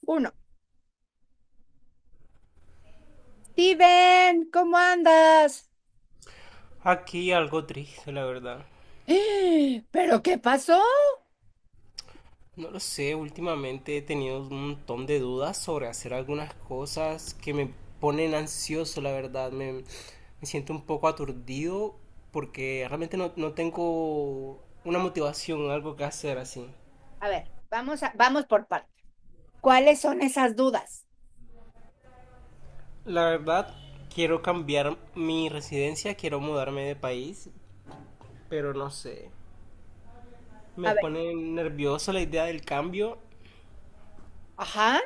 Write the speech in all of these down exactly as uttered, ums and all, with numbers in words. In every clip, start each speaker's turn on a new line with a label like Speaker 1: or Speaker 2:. Speaker 1: Uno. Steven, ¿cómo andas?
Speaker 2: Aquí algo triste, la verdad.
Speaker 1: ¡Eh! ¿Pero qué pasó?
Speaker 2: No lo sé, últimamente he tenido un montón de dudas sobre hacer algunas cosas que me ponen ansioso, la verdad. Me, me siento un poco aturdido porque realmente no, no tengo una motivación, algo que hacer así.
Speaker 1: A ver, vamos a, vamos por partes. ¿Cuáles son esas dudas?
Speaker 2: La verdad, quiero cambiar mi residencia, quiero mudarme de país, pero no sé. Me
Speaker 1: A ver,
Speaker 2: pone nervioso la idea del cambio.
Speaker 1: ajá.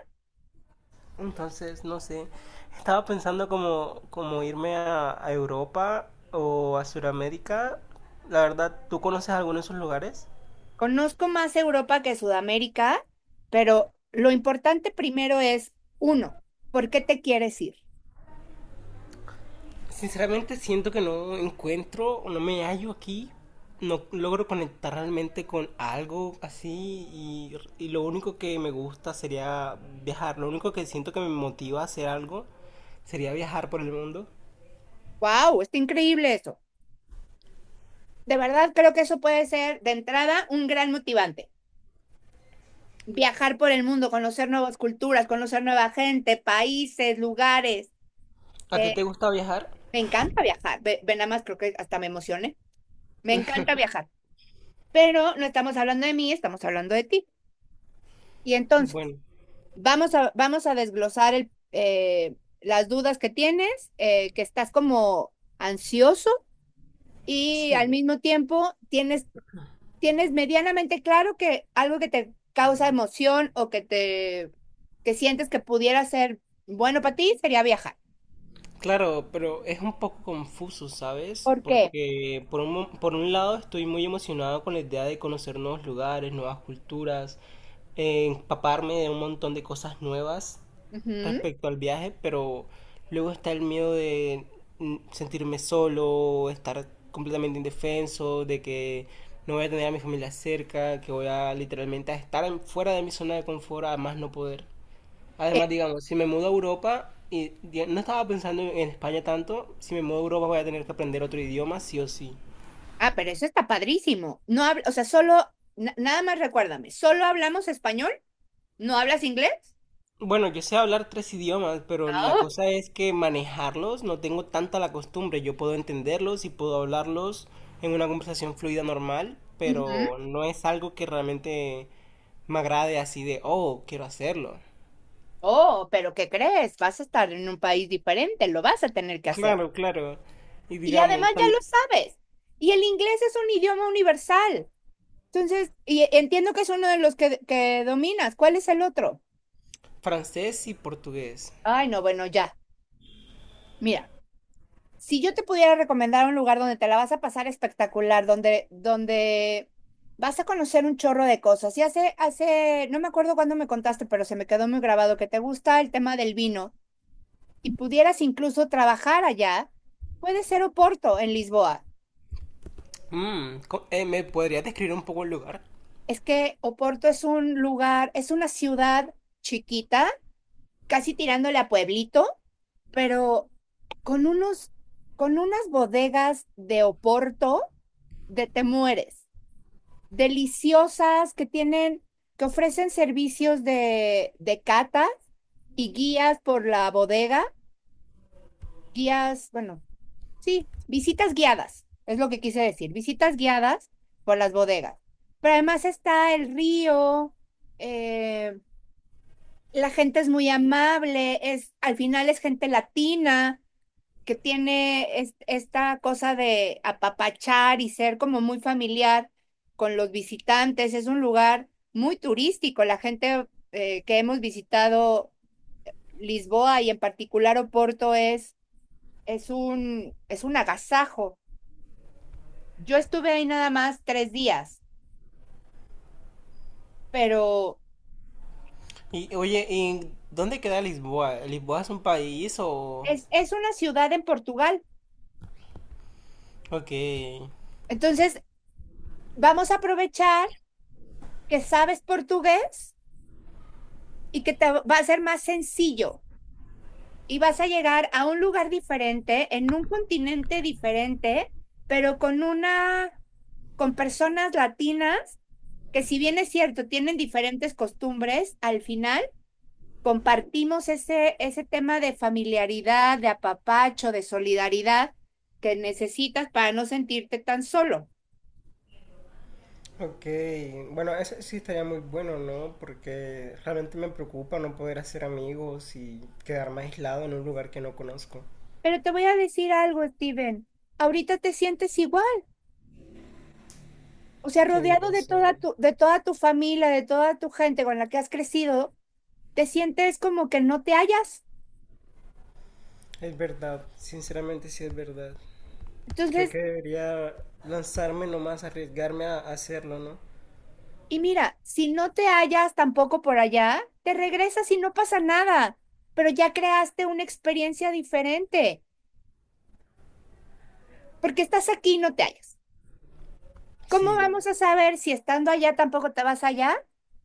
Speaker 2: Entonces, no sé, estaba pensando como, como irme a, a Europa o a Sudamérica. La verdad, ¿tú conoces alguno de esos lugares?
Speaker 1: Conozco más Europa que Sudamérica, pero lo importante primero es, uno, ¿por qué te quieres ir?
Speaker 2: Sinceramente siento que no encuentro o no me hallo aquí. No logro conectar realmente con algo así y, y lo único que me gusta sería viajar. Lo único que siento que me motiva a hacer algo sería viajar por el mundo.
Speaker 1: ¡Wow! Está increíble eso. De verdad creo que eso puede ser, de entrada, un gran motivante. Viajar por el mundo, conocer nuevas culturas, conocer nueva gente, países, lugares.
Speaker 2: ¿A ti te gusta viajar?
Speaker 1: Me encanta viajar. Ve, ve nada más, creo que hasta me emocioné. Me encanta viajar. Pero no estamos hablando de mí, estamos hablando de ti. Y entonces,
Speaker 2: Bueno,
Speaker 1: vamos a, vamos a desglosar el, eh, las dudas que tienes, eh, que estás como ansioso y al
Speaker 2: sí.
Speaker 1: mismo tiempo tienes, tienes medianamente claro que algo que te causa emoción o que te que sientes que pudiera ser bueno para ti sería viajar.
Speaker 2: Claro, pero es un poco confuso, ¿sabes?
Speaker 1: ¿Por qué?
Speaker 2: Porque por un, mo- por un lado estoy muy emocionado con la idea de conocer nuevos lugares, nuevas culturas, eh, empaparme de un montón de cosas nuevas
Speaker 1: Ujú. Eh,
Speaker 2: respecto al viaje, pero luego está el miedo de mm, sentirme solo, estar completamente indefenso, de que no voy a tener a mi familia cerca, que voy a literalmente a estar en- fuera de mi zona de confort a más no poder. Además, digamos, si me mudo a Europa, y di- no estaba pensando en España tanto, si me mudo a Europa voy a tener que aprender otro idioma, sí o sí.
Speaker 1: Ah, pero eso está padrísimo. No habla, o sea, solo, na- nada más recuérdame, ¿solo hablamos español? ¿No hablas inglés?
Speaker 2: Bueno, yo sé hablar tres idiomas, pero la
Speaker 1: Ah,
Speaker 2: cosa es que manejarlos no tengo tanta la costumbre. Yo puedo entenderlos y puedo hablarlos en una conversación fluida normal,
Speaker 1: ujú.
Speaker 2: pero no es algo que realmente me agrade así de, oh, quiero hacerlo.
Speaker 1: Oh, pero ¿qué crees? Vas a estar en un país diferente, lo vas a tener que hacer.
Speaker 2: Claro, claro. Y
Speaker 1: Y
Speaker 2: digamos,
Speaker 1: además ya lo
Speaker 2: también
Speaker 1: sabes. Y el inglés es un idioma universal. Entonces, y entiendo que es uno de los que, que dominas. ¿Cuál es el otro?
Speaker 2: francés y portugués.
Speaker 1: Ay, no, bueno, ya. Mira, si yo te pudiera recomendar un lugar donde te la vas a pasar espectacular, donde, donde vas a conocer un chorro de cosas. Y hace, hace, no me acuerdo cuándo me contaste, pero se me quedó muy grabado que te gusta el tema del vino y pudieras incluso trabajar allá, puede ser Oporto en Lisboa.
Speaker 2: Mm, co- eh, ¿me podrías describir un poco el lugar?
Speaker 1: Es que Oporto es un lugar, es una ciudad chiquita, casi tirándole a pueblito, pero con unos, con unas bodegas de Oporto de te mueres, deliciosas, que tienen, que ofrecen servicios de, de catas y guías por la bodega, guías, bueno, sí, visitas guiadas, es lo que quise decir, visitas guiadas por las bodegas. Pero además está el río, eh, la gente es muy amable, es, al final es gente latina, que tiene es- esta cosa de apapachar y ser como muy familiar con los visitantes. Es un lugar muy turístico. La gente eh, que hemos visitado Lisboa y en particular Oporto es, es un, es un agasajo. Yo estuve ahí nada más tres días, pero
Speaker 2: Y oye, ¿y dónde queda Lisboa? ¿Lisboa es un país o...?
Speaker 1: es, es una ciudad en Portugal.
Speaker 2: Ok.
Speaker 1: Entonces, vamos a aprovechar que sabes portugués y que te va a ser más sencillo y vas a llegar a un lugar diferente, en un continente diferente, pero con una, con personas latinas que, si bien es cierto, tienen diferentes costumbres, al final compartimos ese, ese tema de familiaridad, de apapacho, de solidaridad que necesitas para no sentirte tan solo.
Speaker 2: Ok, bueno, eso sí estaría muy bueno, ¿no? Porque realmente me preocupa no poder hacer amigos y quedarme aislado en un lugar que no conozco.
Speaker 1: Pero te voy a decir algo, Steven. Ahorita te sientes igual, o sea,
Speaker 2: Tienes
Speaker 1: rodeado de
Speaker 2: razón.
Speaker 1: toda tu, de toda tu familia, de toda tu gente con la que has crecido, te sientes como que no te hallas.
Speaker 2: Es verdad, sinceramente sí es verdad. Creo
Speaker 1: Entonces,
Speaker 2: que debería lanzarme nomás, arriesgarme a hacerlo, ¿no?
Speaker 1: y mira, si no te hallas tampoco por allá, te regresas y no pasa nada, pero ya creaste una experiencia diferente, porque estás aquí y no te hallas. ¿Cómo
Speaker 2: Sí,
Speaker 1: vamos a saber si estando allá tampoco te vas allá?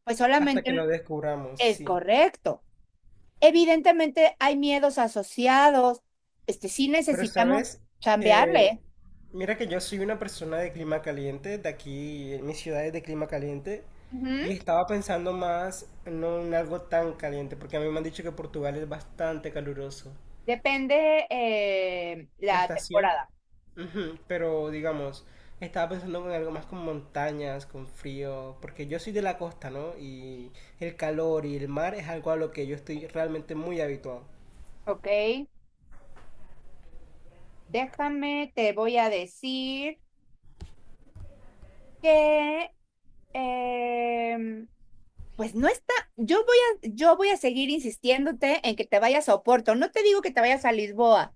Speaker 1: Pues
Speaker 2: hasta que
Speaker 1: solamente
Speaker 2: lo descubramos,
Speaker 1: es
Speaker 2: sí.
Speaker 1: correcto. Evidentemente hay miedos asociados, este sí
Speaker 2: Pero,
Speaker 1: necesitamos
Speaker 2: ¿sabes? Eh,
Speaker 1: chambearle.
Speaker 2: mira que yo soy una persona de clima caliente, de aquí, en mi ciudad es de clima caliente,
Speaker 1: Ujú.
Speaker 2: y estaba pensando más no en algo tan caliente, porque a mí me han dicho que Portugal es bastante caluroso.
Speaker 1: Depende eh,
Speaker 2: La
Speaker 1: la
Speaker 2: estación,
Speaker 1: temporada,
Speaker 2: ujú, pero digamos, estaba pensando en algo más con montañas, con frío, porque yo soy de la costa, ¿no? Y el calor y el mar es algo a lo que yo estoy realmente muy habituado.
Speaker 1: ¿ok? Déjame, te voy a decir que, em, pues no está, yo voy a, yo voy a seguir insistiéndote en que te vayas a Oporto. No te digo que te vayas a Lisboa,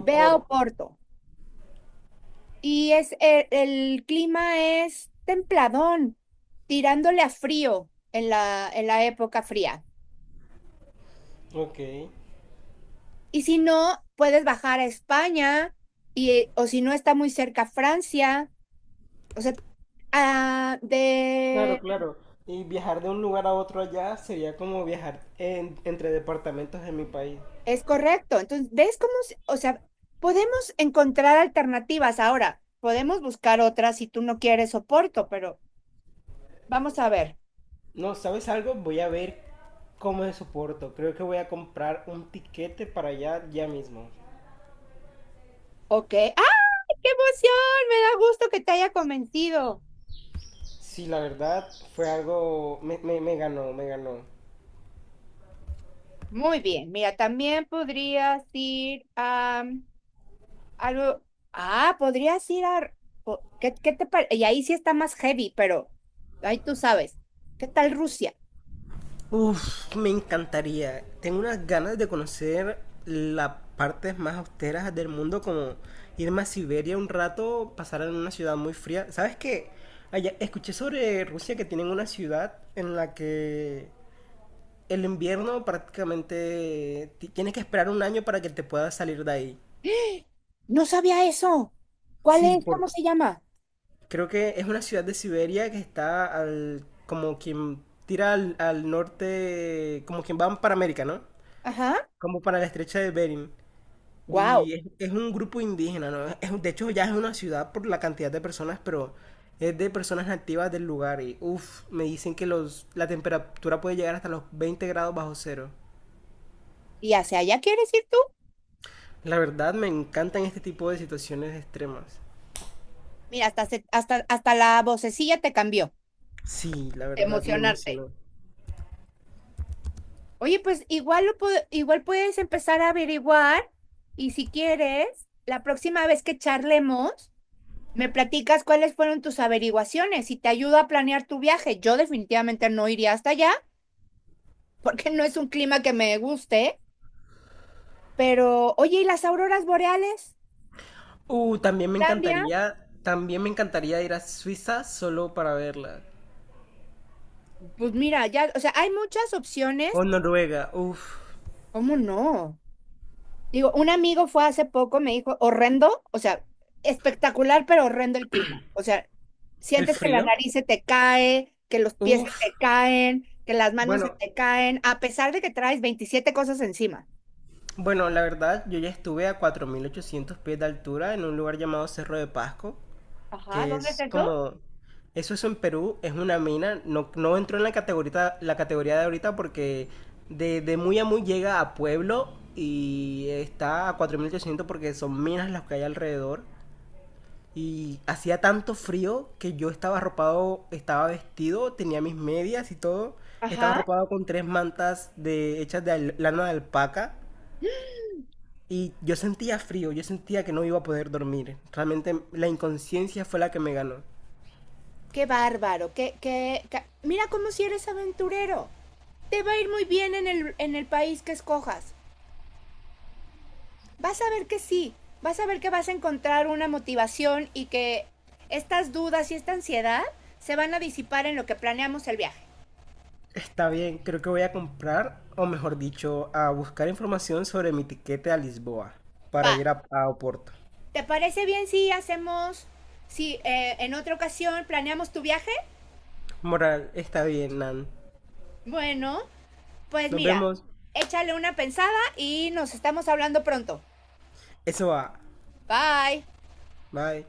Speaker 1: ve a Oporto. Y es, e- el, clima es templadón, tirándole a frío en la, en la época fría.
Speaker 2: ok.
Speaker 1: Y si no, puedes bajar a España y, o si no, está muy cerca Francia. O sea, ah,
Speaker 2: Claro,
Speaker 1: de.
Speaker 2: claro. Y viajar de un lugar a otro allá sería como viajar en- entre departamentos en mi país.
Speaker 1: Es correcto. Entonces, ¿ves cómo, se- o sea, podemos encontrar alternativas ahora? Podemos buscar otras si tú no quieres soporto, pero vamos a ver.
Speaker 2: No, ¿sabes algo? Voy a ver cómo me soporto. Creo que voy a comprar un tiquete para allá ya mismo.
Speaker 1: Ok. ¡Ay, qué emoción! Me da gusto que te haya convencido.
Speaker 2: Sí, la verdad fue algo... Me, me, me ganó, me ganó.
Speaker 1: Muy bien. Mira, también podrías ir a mm, algo. Ah, podrías ir a. po- ¿Qué, qué te parece? Y ahí sí está más heavy, pero ahí tú sabes. ¿Qué tal Rusia?
Speaker 2: Uf, me encantaría. Tengo unas ganas de conocer las partes más austeras del mundo, como irme a Siberia un rato, pasar en una ciudad muy fría. ¿Sabes qué? Allá, escuché sobre Rusia que tienen una ciudad en la que el invierno prácticamente ti- tienes que esperar un año para que te puedas salir de ahí.
Speaker 1: ¡Ah! No sabía eso. ¿Cuál
Speaker 2: Sí,
Speaker 1: es? ¿Cómo
Speaker 2: por...
Speaker 1: se llama?
Speaker 2: creo que es una ciudad de Siberia que está al... como quien tira al, al norte, como quien va para América, ¿no?
Speaker 1: Ajá.
Speaker 2: Como para la estrecha de Bering.
Speaker 1: Wow.
Speaker 2: Y es, es un grupo indígena, ¿no? Es- de hecho, ya es una ciudad por la cantidad de personas, pero es de personas nativas del lugar. Y uff, me dicen que los, la temperatura puede llegar hasta los veinte grados bajo cero.
Speaker 1: ¿Y hacia allá quieres ir tú?
Speaker 2: La verdad, me encantan este tipo de situaciones extremas.
Speaker 1: Mira, hasta, se- hasta, hasta la vocecilla te cambió.
Speaker 2: Sí, la verdad, me
Speaker 1: Emocionarte.
Speaker 2: emocionó.
Speaker 1: Oye, pues igual, lo pod- igual puedes empezar a averiguar y, si quieres, la próxima vez que charlemos, me platicas cuáles fueron tus averiguaciones y te ayudo a planear tu viaje. Yo definitivamente no iría hasta allá porque no es un clima que me guste, pero oye, ¿y las auroras boreales?
Speaker 2: Uh, también me
Speaker 1: Islandia,
Speaker 2: encantaría, también me encantaría ir a Suiza solo para verla.
Speaker 1: pues mira, ya, o sea, hay muchas
Speaker 2: O
Speaker 1: opciones.
Speaker 2: Noruega, uff.
Speaker 1: ¿Cómo no? Digo, un amigo fue hace poco, me dijo, horrendo, o sea, espectacular, pero horrendo el clima. O sea,
Speaker 2: ¿El
Speaker 1: sientes que la
Speaker 2: frío?
Speaker 1: nariz se te cae, que los pies se
Speaker 2: Uff,
Speaker 1: te caen, que las manos se
Speaker 2: bueno,
Speaker 1: te caen, a pesar de que traes veintisiete cosas encima.
Speaker 2: Bueno, la verdad, yo ya estuve a cuatro mil ochocientos pies de altura en un lugar llamado Cerro de Pasco,
Speaker 1: Ajá,
Speaker 2: que
Speaker 1: ¿dónde es
Speaker 2: es
Speaker 1: eso?
Speaker 2: como... Eso es en Perú, es una mina, no, no entró en la categoría, la categoría de ahorita porque de, de muy a muy llega a pueblo y está a cuatro mil ochocientos porque son minas las que hay alrededor. Y hacía tanto frío que yo estaba arropado, estaba vestido, tenía mis medias y todo. Estaba
Speaker 1: Ajá.
Speaker 2: arropado con tres mantas de, hechas de al- lana de alpaca y yo sentía frío, yo sentía que no iba a poder dormir. Realmente la inconsciencia fue la que me ganó.
Speaker 1: Qué bárbaro, qué, qué, ca- mira cómo si eres aventurero. Te va a ir muy bien en el, en el país que escojas. Vas a ver que sí, vas a ver que vas a encontrar una motivación y que estas dudas y esta ansiedad se van a disipar en lo que planeamos el viaje.
Speaker 2: Está bien, creo que voy a comprar, o mejor dicho, a buscar información sobre mi tiquete a Lisboa
Speaker 1: Va,
Speaker 2: para ir a, a Oporto.
Speaker 1: ¿te parece bien si hacemos, si eh, en otra ocasión planeamos tu viaje?
Speaker 2: Moral, está bien, Nan.
Speaker 1: Bueno, pues
Speaker 2: Nos
Speaker 1: mira,
Speaker 2: vemos.
Speaker 1: échale una pensada y nos estamos hablando pronto.
Speaker 2: Eso va.
Speaker 1: Bye.
Speaker 2: Bye.